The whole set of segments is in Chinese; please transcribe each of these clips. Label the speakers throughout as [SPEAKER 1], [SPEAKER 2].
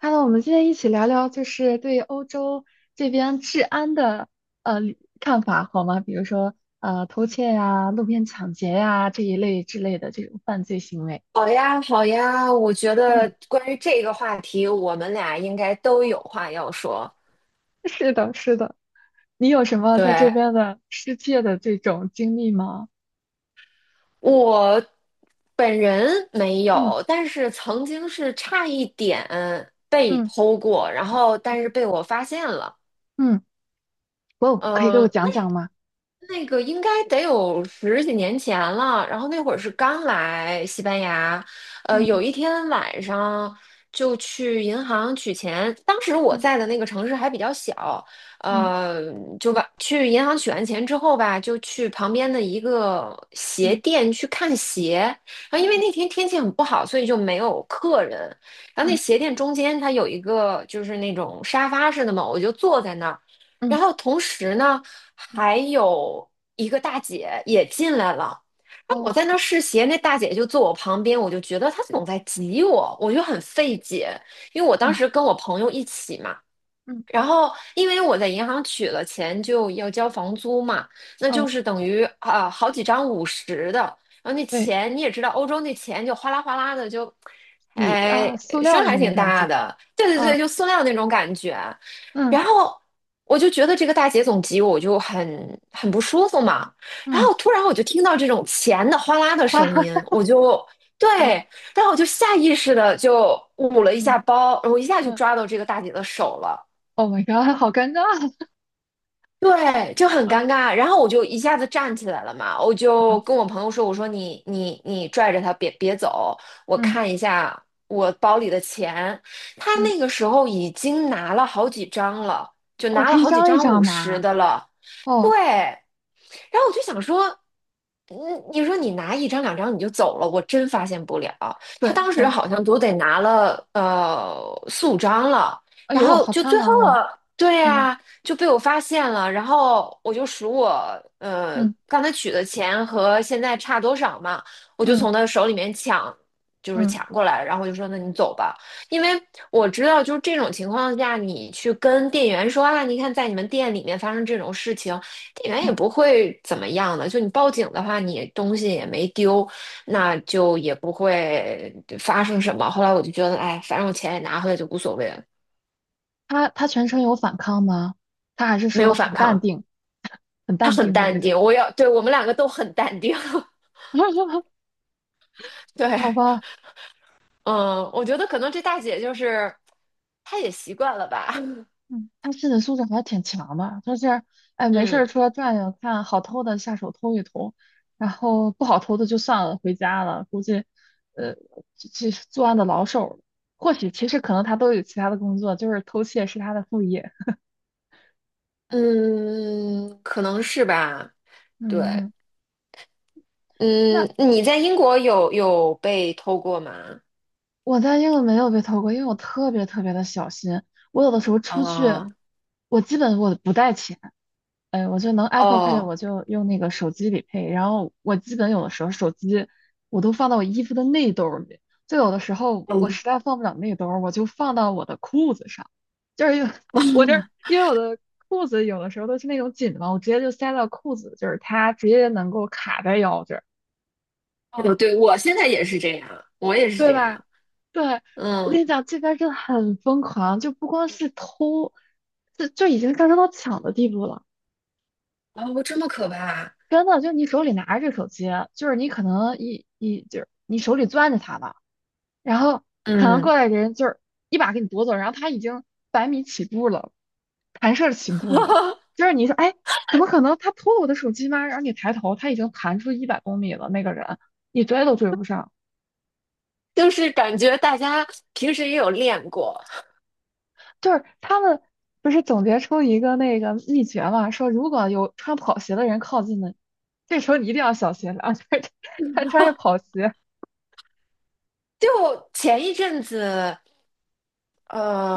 [SPEAKER 1] Hello,我们今天一起聊聊，就是对欧洲这边治安的呃看法好吗？比如说偷窃呀、路边抢劫呀这一类之类的这种犯罪行为。
[SPEAKER 2] 好呀，好呀，我觉得
[SPEAKER 1] 嗯，
[SPEAKER 2] 关于这个话题，我们俩应该都有话要说。
[SPEAKER 1] 是的，是的。你有什么在这
[SPEAKER 2] 对，
[SPEAKER 1] 边的失窃的这种经历吗？
[SPEAKER 2] 我本人没
[SPEAKER 1] 嗯。
[SPEAKER 2] 有，但是曾经是差一点被
[SPEAKER 1] 嗯。
[SPEAKER 2] 偷过，然后但是被我发现了。
[SPEAKER 1] 嗯。哦，可以给我
[SPEAKER 2] 嗯、
[SPEAKER 1] 讲讲吗？
[SPEAKER 2] 那个应该得有十几年前了，然后那会儿是刚来西班牙，
[SPEAKER 1] 嗯。
[SPEAKER 2] 有一天晚上就去银行取钱，当时我在
[SPEAKER 1] 嗯。
[SPEAKER 2] 的那个城市还比较小，
[SPEAKER 1] 嗯。
[SPEAKER 2] 呃，就把去银行取完钱之后吧，就去旁边的一个鞋
[SPEAKER 1] 嗯。
[SPEAKER 2] 店去看鞋，然后因为
[SPEAKER 1] 嗯。
[SPEAKER 2] 那天天气很不好，所以就没有客人，然后那
[SPEAKER 1] 嗯。
[SPEAKER 2] 鞋店中间它有一个就是那种沙发似的嘛，我就坐在那儿。
[SPEAKER 1] 嗯。
[SPEAKER 2] 然后同时呢，
[SPEAKER 1] 嗯。
[SPEAKER 2] 还有一个大姐也进来了。然后我
[SPEAKER 1] 哦。
[SPEAKER 2] 在那试鞋，那大姐就坐我旁边，我就觉得她总在挤我，我就很费解，因为我当
[SPEAKER 1] 嗯。
[SPEAKER 2] 时跟我朋友一起嘛，
[SPEAKER 1] 嗯。
[SPEAKER 2] 然后，因为我在银行取了钱，就要交房租嘛，那就
[SPEAKER 1] 哦，
[SPEAKER 2] 是等于啊、好几张五十的，然后那
[SPEAKER 1] 对，
[SPEAKER 2] 钱你也知道，欧洲那钱就哗啦哗啦的就，
[SPEAKER 1] 纸
[SPEAKER 2] 哎，
[SPEAKER 1] 啊，塑料
[SPEAKER 2] 声
[SPEAKER 1] 的
[SPEAKER 2] 还
[SPEAKER 1] 那种
[SPEAKER 2] 挺
[SPEAKER 1] 感
[SPEAKER 2] 大
[SPEAKER 1] 觉。
[SPEAKER 2] 的，对对
[SPEAKER 1] 啊，
[SPEAKER 2] 对，就塑料那种感觉。
[SPEAKER 1] 嗯。
[SPEAKER 2] 然后我就觉得这个大姐总急，我就很不舒服嘛。然
[SPEAKER 1] 嗯，
[SPEAKER 2] 后突然我就听到这种钱的哗啦的
[SPEAKER 1] 花，
[SPEAKER 2] 声音，我就对，
[SPEAKER 1] 嗯。
[SPEAKER 2] 然后我就下意识的就捂了一
[SPEAKER 1] 嗯。
[SPEAKER 2] 下包，我一下就
[SPEAKER 1] 嗯
[SPEAKER 2] 抓到这个大姐的手了。
[SPEAKER 1] ，Oh my god,好尴尬，
[SPEAKER 2] 对，就很尴
[SPEAKER 1] 嗯，
[SPEAKER 2] 尬。然后我就一下子站起来了嘛，我就
[SPEAKER 1] 嗯。
[SPEAKER 2] 跟我朋友说：“我说你拽着他别走，我
[SPEAKER 1] 嗯。
[SPEAKER 2] 看一下我包里的钱。”他
[SPEAKER 1] 嗯。
[SPEAKER 2] 那个时候已经拿了好几张了，就
[SPEAKER 1] 哦，
[SPEAKER 2] 拿
[SPEAKER 1] 他
[SPEAKER 2] 了
[SPEAKER 1] 一
[SPEAKER 2] 好几
[SPEAKER 1] 张一
[SPEAKER 2] 张五
[SPEAKER 1] 张
[SPEAKER 2] 十
[SPEAKER 1] 拿。
[SPEAKER 2] 的了。对，
[SPEAKER 1] 哦。
[SPEAKER 2] 然后我就想说，嗯，你说你拿一张两张你就走了，我真发现不了。他
[SPEAKER 1] 对
[SPEAKER 2] 当时
[SPEAKER 1] 对。
[SPEAKER 2] 好像都得拿了四五张了，
[SPEAKER 1] 哎
[SPEAKER 2] 然
[SPEAKER 1] 呦，
[SPEAKER 2] 后
[SPEAKER 1] 好
[SPEAKER 2] 就
[SPEAKER 1] 贪
[SPEAKER 2] 最后
[SPEAKER 1] 婪哦。
[SPEAKER 2] 了，对
[SPEAKER 1] 嗯。
[SPEAKER 2] 呀、就被我发现了，然后我就数我
[SPEAKER 1] 嗯。
[SPEAKER 2] 刚才取的钱和现在差多少嘛，我就从
[SPEAKER 1] 嗯。
[SPEAKER 2] 他手里面抢，就是
[SPEAKER 1] 嗯。
[SPEAKER 2] 抢过来，然后我就说那你走吧，因为我知道就是这种情况下，你去跟店员说啊，你看在你们店里面发生这种事情，店员也
[SPEAKER 1] 嗯。
[SPEAKER 2] 不会怎么样的，就你报警的话，你东西也没丢，那就也不会发生什么。后来我就觉得，哎，反正我钱也拿回来就无所谓了，
[SPEAKER 1] 他他全程有反抗吗？他还是
[SPEAKER 2] 没有
[SPEAKER 1] 说
[SPEAKER 2] 反
[SPEAKER 1] 很淡
[SPEAKER 2] 抗。
[SPEAKER 1] 定。很
[SPEAKER 2] 他
[SPEAKER 1] 淡
[SPEAKER 2] 很
[SPEAKER 1] 定的那
[SPEAKER 2] 淡
[SPEAKER 1] 种？
[SPEAKER 2] 定，我要，对，我们两个都很淡定。对，
[SPEAKER 1] 好吧。
[SPEAKER 2] 嗯，我觉得可能这大姐就是她也习惯了吧。
[SPEAKER 1] 嗯，他心理素质还挺强的，就是哎，没事
[SPEAKER 2] 嗯
[SPEAKER 1] 儿出来转悠，看好偷的下手偷一偷，然后不好偷的就算了，回家了。估计，呃，这这作案的老手了，或许其实可能他都有其他的工作，就是偷窃是他的副业。
[SPEAKER 2] 嗯，可能是吧。对，
[SPEAKER 1] 嗯。那
[SPEAKER 2] 嗯，你在英国有被偷过吗？
[SPEAKER 1] 我在英国没有被偷过，因为我特别特别的小心。我有的时候出去，
[SPEAKER 2] 啊、
[SPEAKER 1] 我基本我不带钱。哎，我就能 Apple Pay,
[SPEAKER 2] 哦，
[SPEAKER 1] 我就用那个手机里配。然后我基本有的时候手机我都放到我衣服的内兜儿里，就有的时候我
[SPEAKER 2] 嗯，
[SPEAKER 1] 实在放不了内兜儿我就放到我的裤子上。就是有 我这 因为我的裤子有的时候都是那种紧的嘛，我直接就塞到裤子，就是它直接能够卡在腰这儿，
[SPEAKER 2] 哦，对，我现在也是这样，我也是
[SPEAKER 1] 对
[SPEAKER 2] 这
[SPEAKER 1] 吧？
[SPEAKER 2] 样。
[SPEAKER 1] 对，我跟
[SPEAKER 2] 嗯，
[SPEAKER 1] 你讲，这边儿真的很疯狂，就不光是偷，就已经上升到抢的地步了。
[SPEAKER 2] 哦，这么可怕。
[SPEAKER 1] 真的，就你手里拿着这手机，就是你可能一就是你手里攥着它吧，然后可能
[SPEAKER 2] 嗯，
[SPEAKER 1] 过来人就是一把给你夺走，然后他已经百米起步了，弹射起步了，就是你说哎，怎么可能他偷了我的手机吗？然后你抬头，他已经弹出一百公里了，那个人你追都追不上。
[SPEAKER 2] 就是感觉大家平时也有练过，
[SPEAKER 1] 就是他们不是总结出一个那个秘诀嘛，说如果有穿跑鞋的人靠近了，这时候你一定要小心了，就是他穿着跑鞋。
[SPEAKER 2] 就前一阵子，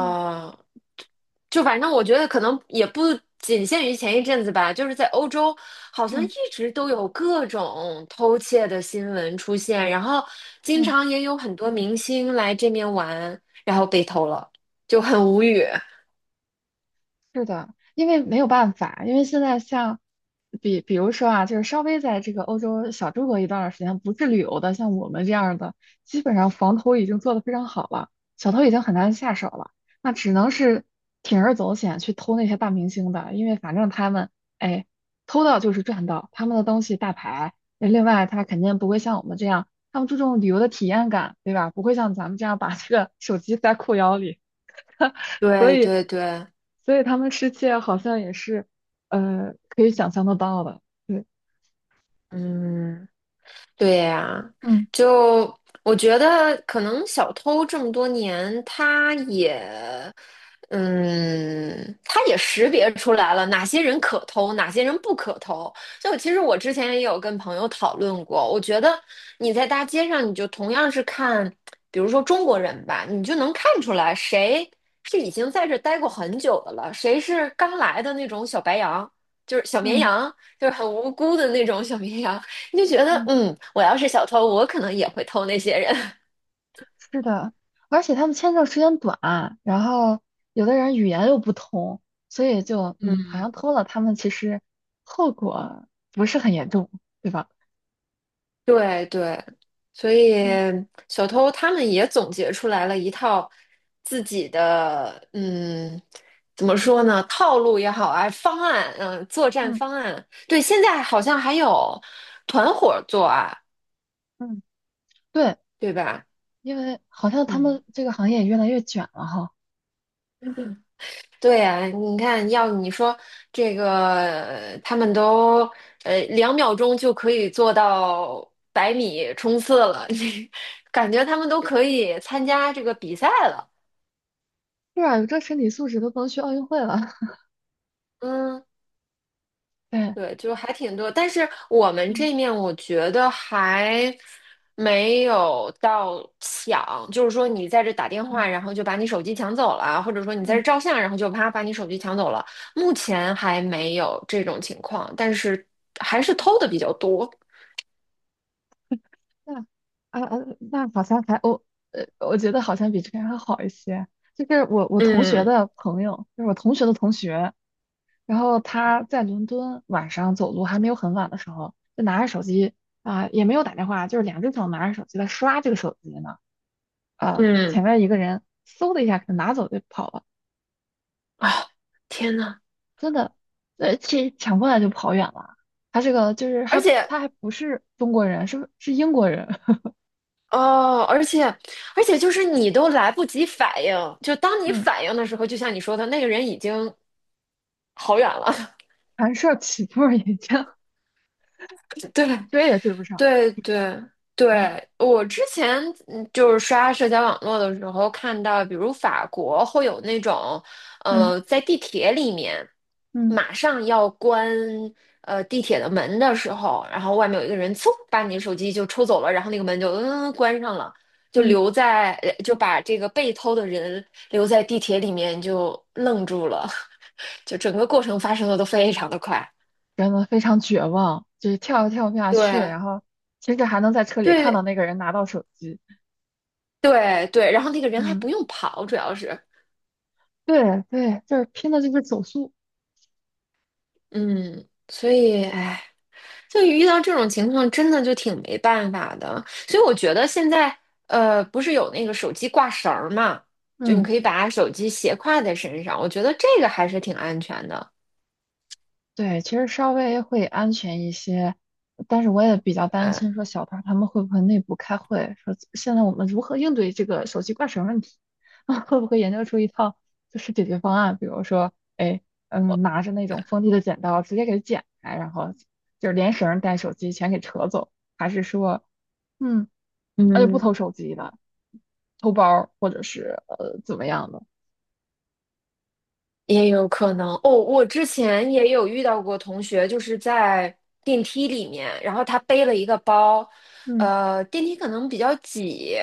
[SPEAKER 1] 嗯。
[SPEAKER 2] 就反正我觉得可能也不仅限于前一阵子吧，就是在欧洲，好像一
[SPEAKER 1] 嗯。
[SPEAKER 2] 直都有各种偷窃的新闻出现，然后经
[SPEAKER 1] 嗯。
[SPEAKER 2] 常也有很多明星来这边玩，然后被偷了，就很无语。
[SPEAKER 1] 是的，因为没有办法，因为现在像比如说啊，就是稍微在这个欧洲小住过一段儿时间，不是旅游的，像我们这样儿的，基本上防偷已经做得非常好了，小偷已经很难下手了，那只能是铤而走险去偷那些大明星的，因为反正他们哎偷到就是赚到，他们的东西大牌，那另外他肯定不会像我们这样，他们注重旅游的体验感，对吧？不会像咱们这样把这个手机塞裤腰里。所
[SPEAKER 2] 对
[SPEAKER 1] 以，
[SPEAKER 2] 对对，
[SPEAKER 1] 所以他们失窃好像也是，可以想象得到的。对。
[SPEAKER 2] 嗯。对呀，
[SPEAKER 1] 嗯。
[SPEAKER 2] 就我觉得可能小偷这么多年，他也，嗯，他也识别出来了哪些人可偷，哪些人不可偷。就其实我之前也有跟朋友讨论过，我觉得你在大街上，你就同样是看，比如说中国人吧，你就能看出来谁是已经在这待过很久的了，谁是刚来的那种小白羊，就是小绵
[SPEAKER 1] 嗯。
[SPEAKER 2] 羊。就是很无辜的那种小绵羊，你就觉得，
[SPEAKER 1] 嗯。
[SPEAKER 2] 嗯，我要是小偷，我可能也会偷那些人。
[SPEAKER 1] 是的，而且他们签证时间短，然后有的人语言又不通，所以就嗯，好
[SPEAKER 2] 嗯，
[SPEAKER 1] 像偷了他们，其实后果不是很严重，对吧？
[SPEAKER 2] 对对，所以
[SPEAKER 1] 嗯。
[SPEAKER 2] 小偷他们也总结出来了一套自己的，嗯，怎么说呢？套路也好啊，方案，嗯，作战
[SPEAKER 1] 嗯。
[SPEAKER 2] 方案。对，现在好像还有团伙作案，
[SPEAKER 1] 嗯。对，
[SPEAKER 2] 对吧？
[SPEAKER 1] 因为好像他
[SPEAKER 2] 嗯，
[SPEAKER 1] 们这个行业也越来越卷了哈。
[SPEAKER 2] 对呀，你看，要你说这个，他们都2秒钟就可以做到百米冲刺了，感觉他们都可以参加这个比赛了。
[SPEAKER 1] 是啊，有这身体素质都不能去奥运会了。
[SPEAKER 2] 嗯，
[SPEAKER 1] 对。
[SPEAKER 2] 对，就还挺多，但是我们
[SPEAKER 1] 嗯。
[SPEAKER 2] 这面我觉得还没有到抢，就是说你在这打电
[SPEAKER 1] 嗯。
[SPEAKER 2] 话，然后就把你手机抢走了，或者说你在
[SPEAKER 1] 嗯。
[SPEAKER 2] 这照相，然后就啪把你手机抢走了，目前还没有这种情况，但是还是偷的比较多。
[SPEAKER 1] 那啊啊，那好像还我，我觉得好像比这边还好一些。就是我同学
[SPEAKER 2] 嗯
[SPEAKER 1] 的朋友，就是我同学的同学，然后他在伦敦晚上走路还没有很晚的时候，就拿着手机，啊、也没有打电话，就是两只手拿着手机在刷这个手机呢。啊、
[SPEAKER 2] 嗯
[SPEAKER 1] 前面一个人嗖的一下给他拿走就跑了，
[SPEAKER 2] 啊，天呐，
[SPEAKER 1] 真的，这抢过来就跑远了。他这个就是
[SPEAKER 2] 而
[SPEAKER 1] 还
[SPEAKER 2] 且
[SPEAKER 1] 他还不是中国人，是英国人。
[SPEAKER 2] 哦，而且就是你都来不及反应，就当 你
[SPEAKER 1] 嗯，
[SPEAKER 2] 反应的时候，就像你说的，那个人已经好远了，
[SPEAKER 1] 寒舍起步也这样。
[SPEAKER 2] 对。
[SPEAKER 1] 追也追不上。
[SPEAKER 2] 对对
[SPEAKER 1] 嗯。
[SPEAKER 2] 对，我之前就是刷社交网络的时候看到，比如法国会有那种，
[SPEAKER 1] 嗯。
[SPEAKER 2] 在地铁里面
[SPEAKER 1] 嗯。
[SPEAKER 2] 马上要关地铁的门的时候，然后外面有一个人嗖把你手机就抽走了，然后那个门就关上了，就
[SPEAKER 1] 嗯。
[SPEAKER 2] 留在就把这个被偷的人留在地铁里面就愣住了，就整个过程发生的都非常的快，
[SPEAKER 1] 真的非常绝望，就是跳也跳不下去，
[SPEAKER 2] 对。
[SPEAKER 1] 然后其实还能在车里看到
[SPEAKER 2] 对，
[SPEAKER 1] 那个人拿到手机。
[SPEAKER 2] 对对，然后那个人还
[SPEAKER 1] 嗯，
[SPEAKER 2] 不用跑，主要是，
[SPEAKER 1] 对对，就是拼的就是手速。
[SPEAKER 2] 嗯，所以，哎，就遇到这种情况，真的就挺没办法的。所以我觉得现在，不是有那个手机挂绳儿嘛，就你
[SPEAKER 1] 嗯。
[SPEAKER 2] 可以把手机斜挎在身上，我觉得这个还是挺安全的。
[SPEAKER 1] 对，其实稍微会安全一些，但是我也比较担
[SPEAKER 2] 哎，
[SPEAKER 1] 心说小团他们会不会内部开会，说现在我们如何应对这个手机挂绳问题，会不会研究出一套就是解决方案，比如说，哎，嗯，拿着那种锋利的剪刀直接给剪开，然后就是连绳带手机全给扯走，还是说，嗯，那就不偷
[SPEAKER 2] 嗯。
[SPEAKER 1] 手机了，偷包儿或者是怎么样的。
[SPEAKER 2] 也有可能哦，我之前也有遇到过同学，就是在电梯里面，然后他背了一个包，
[SPEAKER 1] 嗯。
[SPEAKER 2] 电梯可能比较挤，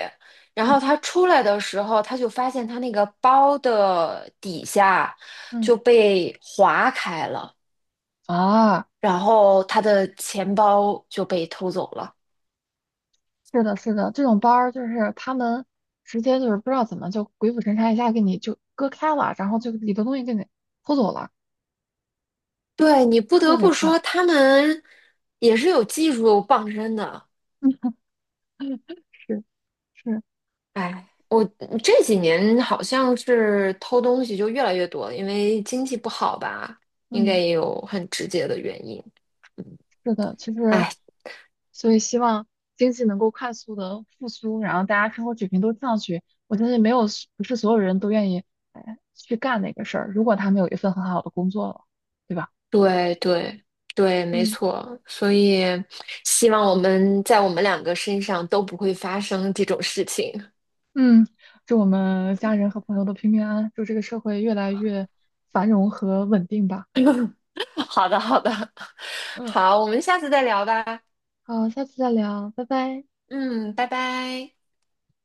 [SPEAKER 2] 然后
[SPEAKER 1] 嗯。
[SPEAKER 2] 他出来的时候，他就发现他那个包的底下
[SPEAKER 1] 嗯。
[SPEAKER 2] 就被划开了，
[SPEAKER 1] 啊。
[SPEAKER 2] 然后他的钱包就被偷走了。
[SPEAKER 1] 是的，是的，这种班儿就是他们直接就是不知道怎么就鬼斧神差一下给你就割开了，然后就里头东西给你偷走了，
[SPEAKER 2] 对，你不
[SPEAKER 1] 特
[SPEAKER 2] 得
[SPEAKER 1] 别
[SPEAKER 2] 不
[SPEAKER 1] 快。
[SPEAKER 2] 说，他们也是有技术傍身的。
[SPEAKER 1] 是，是。
[SPEAKER 2] 哎，我这几年好像是偷东西就越来越多了因为经济不好吧，应该
[SPEAKER 1] 嗯。
[SPEAKER 2] 也有很直接的原因。
[SPEAKER 1] 是的，其实，
[SPEAKER 2] 哎，
[SPEAKER 1] 所以希望经济能够快速的复苏，然后大家生活水平都上去。我相信没有不是所有人都愿意哎去干那个事儿，如果他们有一份很好的工作了，对吧？
[SPEAKER 2] 对对对，没
[SPEAKER 1] 嗯。
[SPEAKER 2] 错，所以希望我们在我们两个身上都不会发生这种事情。
[SPEAKER 1] 嗯，祝我们家人和朋友都平平安安，祝这个社会越来越繁荣和稳定吧。
[SPEAKER 2] 好的，好的，
[SPEAKER 1] 嗯，
[SPEAKER 2] 好，我们下次再聊吧。
[SPEAKER 1] 好，下次再聊，拜拜。
[SPEAKER 2] 嗯，拜拜。